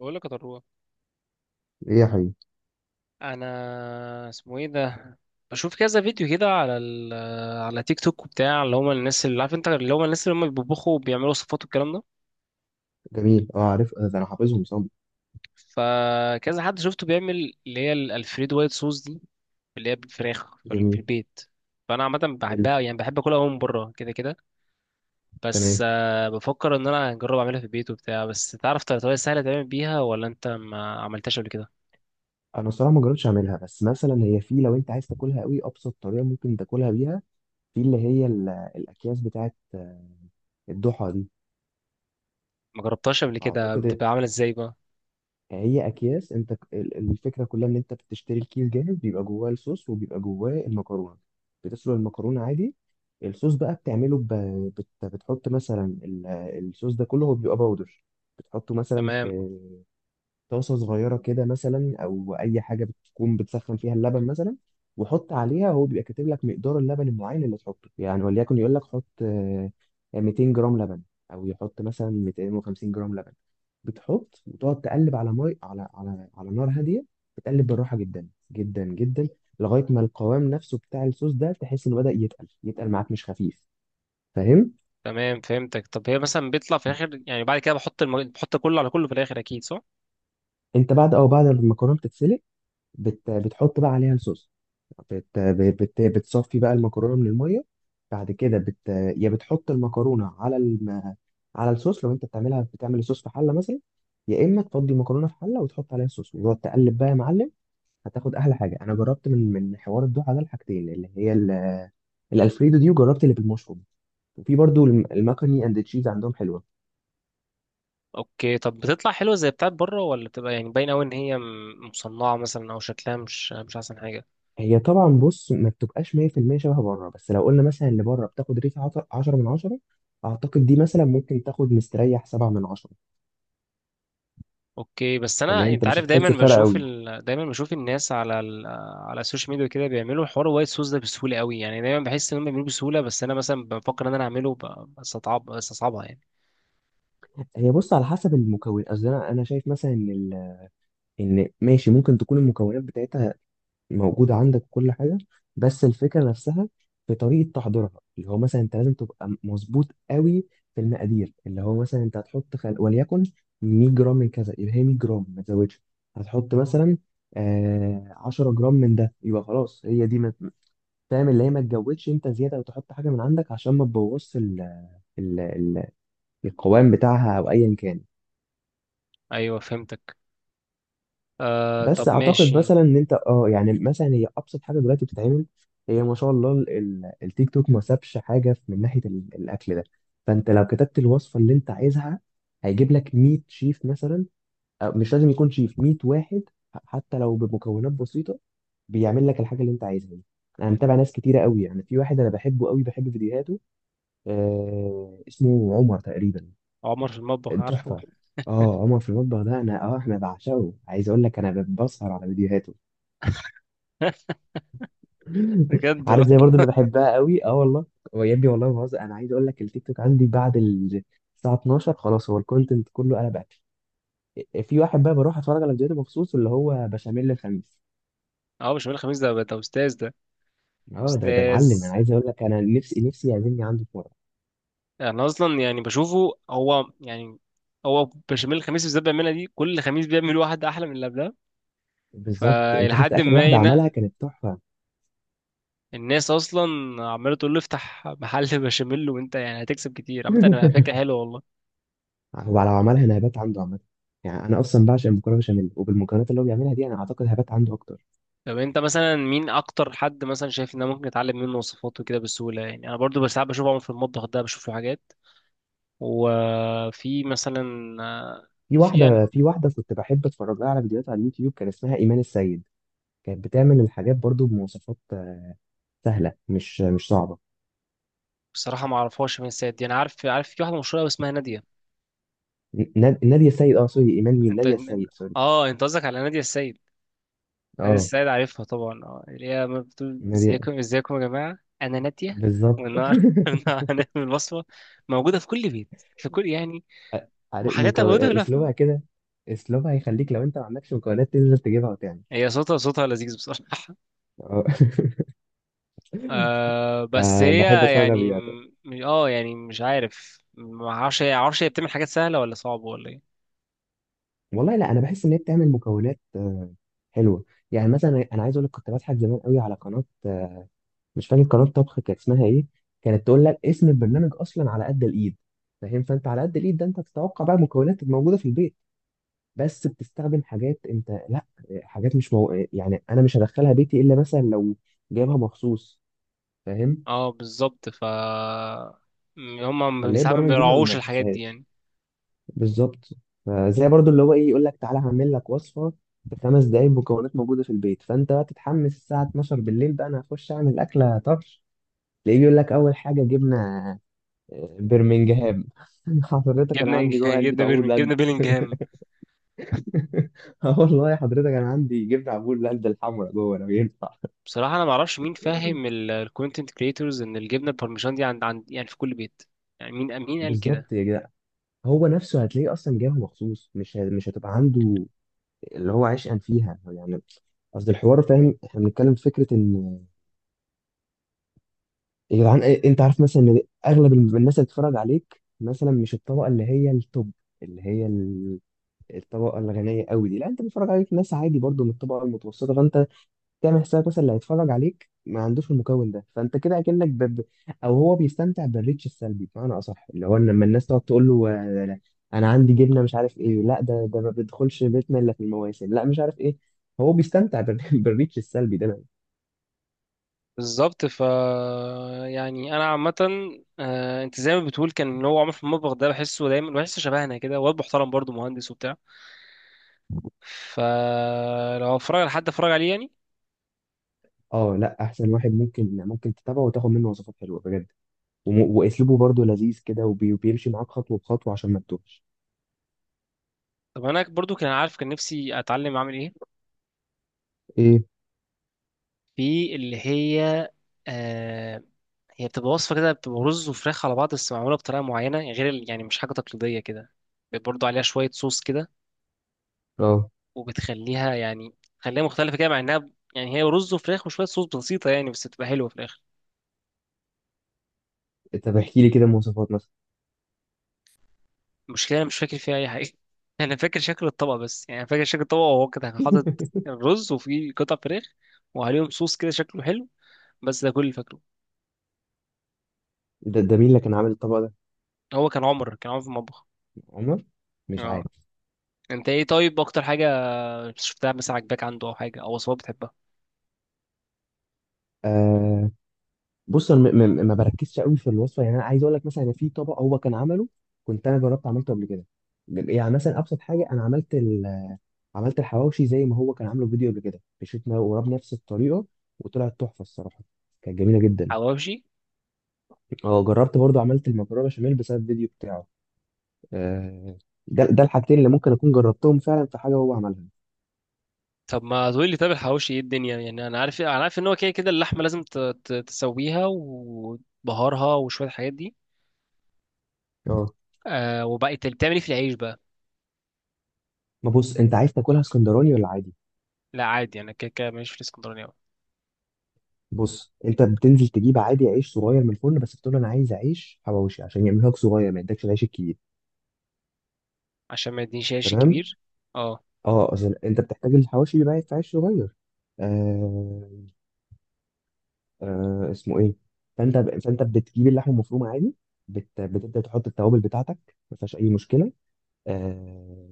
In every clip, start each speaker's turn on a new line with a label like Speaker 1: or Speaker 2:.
Speaker 1: بقول لك يا طروه،
Speaker 2: ايه يا حبيبي.
Speaker 1: انا اسمه ايه ده؟ بشوف كذا فيديو كده على على تيك توك وبتاع اللي هم الناس، اللي عارف انت اللي هم الناس اللي هم بيطبخوا وبيعملوا وصفات والكلام ده.
Speaker 2: جميل، اه عارف، ده انا حافظهم صم.
Speaker 1: فكذا حد شفته بيعمل اللي هي الالفريدو وايت صوص دي، اللي هي بالفراخ في
Speaker 2: جميل.
Speaker 1: البيت. فانا عامه
Speaker 2: حلو.
Speaker 1: بحبها، يعني بحب اكلها أوي من بره كده كده. بس
Speaker 2: تمام.
Speaker 1: بفكر ان انا اجرب اعملها في البيت وبتاع، بس تعرف طريقه سهله تعمل بيها ولا انت ما عملتهاش قبل كده؟
Speaker 2: انا الصراحه ما جربتش اعملها، بس مثلا هي، في لو انت عايز تاكلها قوي ابسط طريقه ممكن تاكلها بيها، في اللي هي ال- الاكياس بتاعت الضحى دي.
Speaker 1: ما جربتهاش قبل كده؟
Speaker 2: اعتقد
Speaker 1: بتبقى عامله ازاي بقى؟
Speaker 2: هي اكياس، انت ك- ال- الفكره كلها ان انت بتشتري الكيس جاهز، بيبقى جواه الصوص وبيبقى جواه المكرونه. بتسلق المكرونه عادي. الصوص بقى بتعمله بتحط مثلا ال- الصوص ده كله هو بيبقى باودر، بتحطه مثلا
Speaker 1: تمام.
Speaker 2: في طاسة صغيرة كده، مثلا أو أي حاجة بتكون بتسخن فيها اللبن مثلا، وحط عليها. هو بيبقى كاتب لك مقدار اللبن المعين اللي تحطه يعني، وليكن يقول لك حط 200 جرام لبن، أو يحط مثلا 250 جرام لبن. بتحط وتقعد تقلب على مي على على على نار هادية. بتقلب بالراحة جدا جدا جدا لغاية ما القوام نفسه بتاع الصوص ده تحس إنه بدأ يتقل، يتقل معاك، مش خفيف. فاهم؟
Speaker 1: تمام فهمتك. طب هي مثلا بيطلع في الاخر يعني، بعد كده بحط بحط كله على كله في الاخر اكيد، صح؟
Speaker 2: أنت بعد ما المكرونة بتتسلق، بتحط بقى عليها الصوص. بتصفي بقى المكرونه من الميه، بعد كده يا بتحط المكرونه على على الصوص لو انت بتعملها، بتعمل الصوص في حله مثلا، يا اما تفضي المكرونه في حله وتحط عليها الصوص، وتقعد تقلب بقى يا معلم. هتاخد احلى حاجه. انا جربت من حوار الدوحه ده الحاجتين، اللي هي ال... الالفريدو دي، وجربت اللي بالمشروم، وفي برضو الم- المكروني اند تشيز عندهم حلوه.
Speaker 1: اوكي. طب بتطلع حلوه زي بتاعت بره، ولا بتبقى يعني باينه قوي ان هي مصنعه مثلا، او شكلها مش مش احسن حاجه؟
Speaker 2: هي طبعا، بص، ما بتبقاش 100% شبه بره، بس لو قلنا مثلا اللي بره بتاخد ريت 10 من 10، اعتقد دي مثلا ممكن تاخد مستريح 7 من 10.
Speaker 1: اوكي. بس انا،
Speaker 2: فاللي انت
Speaker 1: انت
Speaker 2: مش
Speaker 1: عارف، دايما
Speaker 2: هتحس فرق
Speaker 1: بشوف
Speaker 2: قوي.
Speaker 1: دايما بشوف الناس على على السوشيال ميديا كده بيعملوا حوار وايت سوس ده بسهوله قوي، يعني دايما بحس ان هم بيعملوه بسهوله، بس انا مثلا بفكر ان انا اعمله بستصعب، بستصعبها يعني.
Speaker 2: هي، بص، على حسب المكون. قصدي انا شايف مثلا ان ال- ان ماشي، ممكن تكون المكونات بتاعتها موجودة عندك كل حاجة، بس الفكرة نفسها في طريقة تحضيرها، اللي هو مثلا انت لازم تبقى مظبوط قوي في المقادير. اللي هو مثلا انت هتحط وليكن 100 جرام من كذا، يبقى هي 100 جرام، ما تزودش. هتحط مثلا آه 10 جرام من ده، يبقى خلاص هي دي ما... فاهم؟ اللي هي ما تجودش انت زيادة وتحط حاجة من عندك عشان ما تبوظش ال... القوام بتاعها او ايا كان.
Speaker 1: ايوه، فهمتك. آه طب
Speaker 2: بس اعتقد
Speaker 1: ماشي.
Speaker 2: مثلا ان انت اه يعني، مثلا هي ابسط حاجه دلوقتي بتتعمل. هي ما شاء الله ال- ال- التيك توك ما سابش حاجه في- من ناحيه ال- الاكل ده. فانت لو كتبت الوصفه اللي انت عايزها، هيجيب لك 100 شيف مثلا، أو مش لازم يكون شيف 100 واحد، ح- حتى لو بمكونات بسيطه بيعمل لك الحاجه اللي انت عايزها دي. انا متابع ناس كتيره قوي، يعني في واحد انا بحبه قوي، بحب فيديوهاته، آه اسمه عمر تقريبا.
Speaker 1: عمر في المطبخ، عارفه.
Speaker 2: تحفه. اه عمر في المطبخ ده، انا اه احنا بعشقه. عايز اقول لك، انا بسهر على فيديوهاته.
Speaker 1: بجد.
Speaker 2: عارف، زي برضو اللي بحبها قوي، اه والله. هو يا ابني والله ما بهزر، انا عايز اقول لك التيك توك عندي بعد ال- الساعه 12 خلاص، هو الكونتنت كله. انا بقى في واحد بقى بروح اتفرج على فيديوهاته مخصوص، اللي هو بشاميل الخميس.
Speaker 1: اه مش بقول، خميس ده ده استاذ ده.
Speaker 2: اه ده، ده
Speaker 1: استاذ.
Speaker 2: معلم. انا عايز اقول لك، انا نفسي يعزمني عنده في مره.
Speaker 1: انا اصلا يعني بشوفه هو يعني، هو بشاميل الخميس اللي بالذات بيعملها دي، كل خميس بيعمل واحد احلى من اللي قبلها،
Speaker 2: بالظبط، انت شفت
Speaker 1: فلحد
Speaker 2: اخر
Speaker 1: ما
Speaker 2: واحده عملها،
Speaker 1: ينق.
Speaker 2: كانت تحفه.
Speaker 1: الناس اصلا عماله تقول له افتح محل بشاميل، وانت يعني هتكسب كتير. عامه انا فكره حلوه والله.
Speaker 2: هو لو عملها انا هبات عنده عامه، يعني انا اصلا بعشق المكرونه بشاميل، وبالمكونات اللي هو بيعملها دي انا اعتقد هبات عنده اكتر.
Speaker 1: طب انت مثلا مين اكتر حد مثلا شايف ان أنا ممكن اتعلم منه وصفات وكده بسهوله؟ يعني انا برضو بس ساعات بشوف عمر في المطبخ ده، بشوف له حاجات. وفي مثلا،
Speaker 2: في
Speaker 1: في...
Speaker 2: واحده في واحده كنت بحب اتفرج لها على فيديوهات على اليوتيوب، كان اسمها ايمان السيد. كانت بتعمل الحاجات برضو بمواصفات سهله، مش صعبه.
Speaker 1: بصراحة ما اعرفهاش مين السيد دي، انا عارف عارف في واحدة مشهورة أوي اسمها نادية.
Speaker 2: نا- ناديه السيد، اه سوري، ايمان مين،
Speaker 1: انت
Speaker 2: ناديه
Speaker 1: من...
Speaker 2: السيد، سوري.
Speaker 1: اه انت قصدك على نادية السيد. نادية
Speaker 2: اه
Speaker 1: السيد عارفها طبعا، اه اللي هي ما بتقول
Speaker 2: ناديه،
Speaker 1: ازيكم ازيكم يا جماعة انا نادية،
Speaker 2: بالظبط.
Speaker 1: والنهار النهار هنعمل وصفة موجودة في كل بيت، في كل يعني،
Speaker 2: عارف
Speaker 1: وحاجاتها
Speaker 2: مكون
Speaker 1: موجودة كلها في
Speaker 2: اسلوبها
Speaker 1: اليوم.
Speaker 2: كده، اسلوبها هيخليك لو انت ما عندكش مكونات تنزل تجيبها وتعمل.
Speaker 1: هي صوتها، صوتها لذيذ بصراحة.
Speaker 2: اه.
Speaker 1: آه بس
Speaker 2: فبحب
Speaker 1: هي
Speaker 2: اتفرج على
Speaker 1: يعني،
Speaker 2: فيديوهات.
Speaker 1: اه يعني مش عارف، ما اعرفش هي، معرفش هي بتعمل حاجات سهلة ولا صعبة ولا ايه.
Speaker 2: والله لا انا بحس ان هي بتعمل مكونات حلوه. يعني مثلا انا عايز اقول لك، كنت بضحك زمان قوي على قناه، مش فاكر قناه طبخ كانت اسمها ايه، كانت تقول لك اسم البرنامج اصلا على قد الايد. فاهم؟ فانت على قد الايد ده انت بتتوقع بقى المكونات الموجوده في البيت، بس بتستخدم حاجات انت لا، حاجات مش يعني انا مش هدخلها بيتي الا مثلا لو جايبها مخصوص. فاهم؟
Speaker 1: اه بالظبط. ف هم ما-
Speaker 2: فاللي هي
Speaker 1: ساعات ما
Speaker 2: البرامج دي ما
Speaker 1: بيراعوش الحاجات دي
Speaker 2: بحسهاش.
Speaker 1: يعني.
Speaker 2: بالظبط. فزي برضو اللي هو ايه، يقول لك تعالى هعمل لك وصفه في 5 دقايق، مكونات موجوده في البيت، فانت بقى تتحمس الساعه 12 بالليل بقى، انا هخش اعمل اكله طرش، تلاقيه بيقول لك اول حاجه جبنه برمنجهام. حضرتك انا
Speaker 1: جبنا
Speaker 2: عندي جوه
Speaker 1: جبنا
Speaker 2: علبه عبور
Speaker 1: بيرمين، جبنا
Speaker 2: لاند.
Speaker 1: بيلينجهام.
Speaker 2: اه والله حضرتك انا عندي جبنه عبور لاند الحمراء جوه لو ينفع.
Speaker 1: بصراحة أنا ما أعرفش مين فاهم الكونتنت كريتورز إن الجبنة البارميجان دي عند، يعني في كل بيت. يعني مين، قال كده؟
Speaker 2: بالظبط يا جدع. هو نفسه هتلاقيه اصلا جاي مخصوص، مش ه- مش هتبقى عنده اللي هو عشقا فيها يعني. قصد الحوار، فاهم، احنا بنتكلم في فكره ان، يا جدعان إيه- انت عارف مثلا ان اغلب الم- الناس اللي بتتفرج عليك مثلا، مش الطبقه اللي هي التوب، اللي هي ال- الطبقه الغنيه قوي دي، لا انت بتتفرج عليك ناس عادي برضو من الطبقه المتوسطه. فانت تعمل حسابك مثلا اللي هيتفرج عليك ما عندوش المكون ده، فانت كده اكنك او هو بيستمتع بالريتش السلبي، بمعنى اصح اللي هو لما الناس تقعد تقول له لا، انا عندي جبنه مش عارف ايه، لا ده ده ما بيدخلش بيتنا الا في المواسم، لا مش عارف ايه. هو بيستمتع بالريتش السلبي ده.
Speaker 1: بالظبط. ف يعني أنا عامة، أنت زي ما بتقول، كان اللي هو عمر في المطبخ ده بحسه دايما، بحسه شبهنا كده، واد محترم برضه مهندس وبتاع، فلو أتفرج على حد أتفرج عليه يعني.
Speaker 2: اه لا، احسن واحد ممكن تتابعه وتاخد منه وصفات حلوه بجد، واسلوبه برضه لذيذ كده، وبيمشي معاك خطوه بخطوه عشان ما تتوهش.
Speaker 1: طب أنا برضه كان، عارف كان نفسي أتعلم أعمل إيه،
Speaker 2: ايه.
Speaker 1: في اللي هي آه، هي بتبقى وصفة كده، بتبقى رز وفراخ على بعض بس معمولة بطريقة معينة، غير يعني مش حاجة تقليدية كده، برضو عليها شوية صوص كده،
Speaker 2: اه
Speaker 1: وبتخليها يعني تخليها مختلفة كده، مع إنها يعني هي رز وفراخ وشوية صوص بسيطة يعني، بس بتبقى حلوة في الآخر.
Speaker 2: طب احكي لي كده مواصفات مثلا.
Speaker 1: المشكلة أنا مش فاكر فيها أي حاجة. أنا فاكر شكل الطبق بس، يعني فاكر شكل الطبق وهو كده كان حاطط الرز وفيه قطع فراخ وعليهم صوص كده شكله حلو، بس ده كل اللي فاكره.
Speaker 2: ده ده مين اللي كان عامل الطبق ده؟
Speaker 1: هو كان عمر، كان عمر في المطبخ.
Speaker 2: عمر؟ مش
Speaker 1: اه.
Speaker 2: عارف.
Speaker 1: انت ايه طيب اكتر حاجة مش شفتها مثلا عجباك عنده او حاجه، او وصفات بتحبها؟
Speaker 2: آه، بص انا ما بركزش قوي في الوصفه. يعني انا عايز اقول لك، مثلا أنا في طبق هو كان عمله، كنت انا جربت عملته قبل كده. يعني مثلا ابسط حاجه، انا عملت عملت الحواوشي زي ما هو كان عامله في فيديو قبل كده، مشيتنا وراه بنفس الطريقه، وطلعت تحفه الصراحه، كانت جميله جدا.
Speaker 1: حواوشي.
Speaker 2: اه جربت برضه عملت المكرونه بشاميل بسبب الفيديو بتاعه. آه، ده ده الحاجتين اللي ممكن اكون جربتهم فعلا في حاجه هو عملها.
Speaker 1: طب ما تقول لي، طب الحواوشي ايه الدنيا يعني؟ انا عارف، انا عارف ان هو كده كده اللحمه لازم تسويها وبهارها وشويه الحاجات دي.
Speaker 2: اه.
Speaker 1: آه، وبقى انت بتعمل ايه في العيش بقى؟
Speaker 2: ما بص، انت عايز تاكلها اسكندراني ولا عادي؟
Speaker 1: لا عادي، انا كده كده ماليش في الاسكندراني أوي.
Speaker 2: بص انت بتنزل تجيب عادي عيش صغير من الفرن، بس بتقول انا عايز عيش حواوشي عشان يعملها لك صغير، ما يدكش العيش الكبير.
Speaker 1: عشان ما يدينيش عيش
Speaker 2: تمام.
Speaker 1: كبير. اه.
Speaker 2: اه اصل انت بتحتاج الحواوشي بيبقى في عيش صغير. آه. آه اسمه ايه. فانت بتجيب اللحمه المفرومه عادي، بتبدا تحط التوابل بتاعتك، ما فيهاش اي مشكله. آه.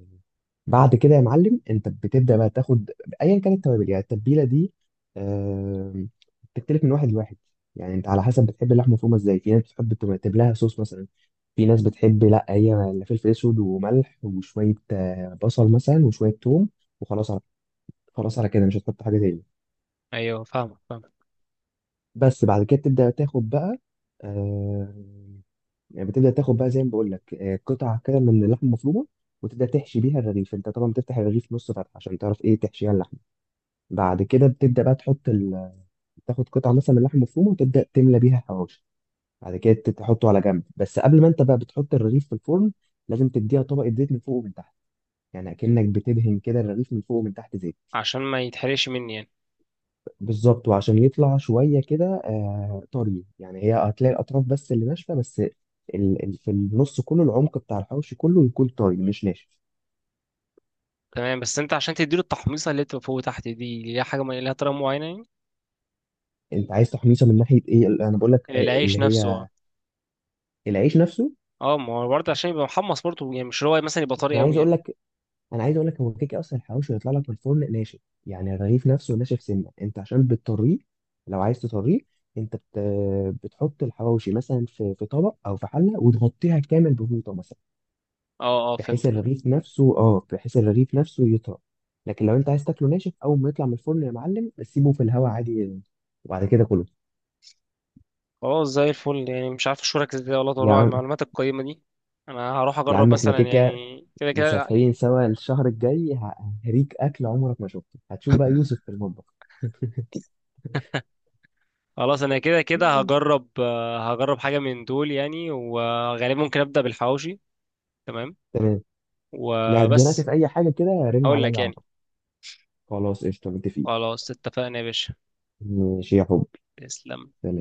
Speaker 2: بعد كده يا معلم، انت بتبدا بقى تاخد، ايا كانت التوابل، يعني التتبيله دي آه... بتختلف من واحد لواحد، يعني انت على حسب بتحب اللحمه مفرومه ازاي. في ناس بتحب تكتب لها صوص مثلا، في ناس بتحب لا، هي لا فلفل اسود وملح، وشويه بصل مثلا، وشويه توم، وخلاص على، خلاص على كده مش هتحط حاجه تاني.
Speaker 1: ايوه، فاهمك،
Speaker 2: بس بعد كده تبدا تاخد بقى آه... يعني بتبدا تاخد بقى زي ما بقول لك قطع كده من اللحمه المفرومه، وتبدا تحشي بيها الرغيف. انت طبعا بتفتح الرغيف نص فتحه عشان تعرف ايه تحشيها اللحمه. بعد كده بتبدأ بقى تحط تاخد قطعة مثلا من اللحمة المفرومة وتبدأ تملى بيها حواوشي. بعد كده ت- تحطه على جنب. بس قبل ما انت بقى بتحط الرغيف في الفرن، لازم تديها طبقة زيت من فوق ومن تحت، يعني أكنك بتدهن كده الرغيف من فوق ومن تحت زيت.
Speaker 1: عشان ما يتحرقش مني يعني.
Speaker 2: بالظبط، وعشان يطلع شوية كده آه طري يعني، هي هتلاقي الأطراف بس اللي ناشفة بس، في النص كله العمق بتاع الحواوشي كله يكون طري مش ناشف.
Speaker 1: تمام. بس انت عشان تديله التحميصه اللي بتبقى فوق وتحت دي ليها حاجه، ليها طريقه معينه؟
Speaker 2: انت عايز تحميصه من ناحية ايه؟ انا بقول لك
Speaker 1: يعني العيش
Speaker 2: اللي
Speaker 1: نفسه، اه.
Speaker 2: هي العيش نفسه.
Speaker 1: اه ما هو برضه عشان يبقى محمص برضه يعني، مش اللي هو مثلا يبقى طري
Speaker 2: انا
Speaker 1: قوي
Speaker 2: عايز
Speaker 1: يعني.
Speaker 2: اقول لك انا عايز اقول لك هو كيكه اصلا الحواوشي يطلع لك من الفرن ناشف، يعني الرغيف نفسه ناشف سنه. انت عشان بتطريه، لو عايز تطريه، انت بتحط الحواوشي مثلا في طبق او في حله وتغطيها كامل بفوطه مثلا،
Speaker 1: اه اه
Speaker 2: بحيث
Speaker 1: فهمت.
Speaker 2: الرغيف نفسه اه، بحيث الرغيف نفسه يطرى. لكن لو انت عايز تاكله ناشف، اول ما يطلع من الفرن يا معلم سيبه في الهواء عادي، وبعد كده كله.
Speaker 1: خلاص زي الفل يعني. مش عارف اشكرك ازاي والله،
Speaker 2: يا
Speaker 1: طلوع على
Speaker 2: عم
Speaker 1: المعلومات القيمة دي. انا هروح
Speaker 2: يا
Speaker 1: اجرب
Speaker 2: عم احنا
Speaker 1: مثلا
Speaker 2: كيكه،
Speaker 1: يعني كده كده.
Speaker 2: مسافرين سوا الشهر الجاي، ه- هريك اكل عمرك ما شفته، هتشوف بقى يوسف في المطبخ.
Speaker 1: خلاص انا كده كده هجرب، هجرب حاجة من دول يعني، وغالبا ممكن ابدأ بالحواوشي. تمام.
Speaker 2: تمام. لا اتزنقت
Speaker 1: وبس.
Speaker 2: في اي حاجه كده رن
Speaker 1: هقول لك
Speaker 2: عليا على
Speaker 1: يعني.
Speaker 2: طول. خلاص قشطه، متفقين.
Speaker 1: خلاص اتفقنا يا باشا.
Speaker 2: ماشي يا حبي.
Speaker 1: تسلم.
Speaker 2: سلام.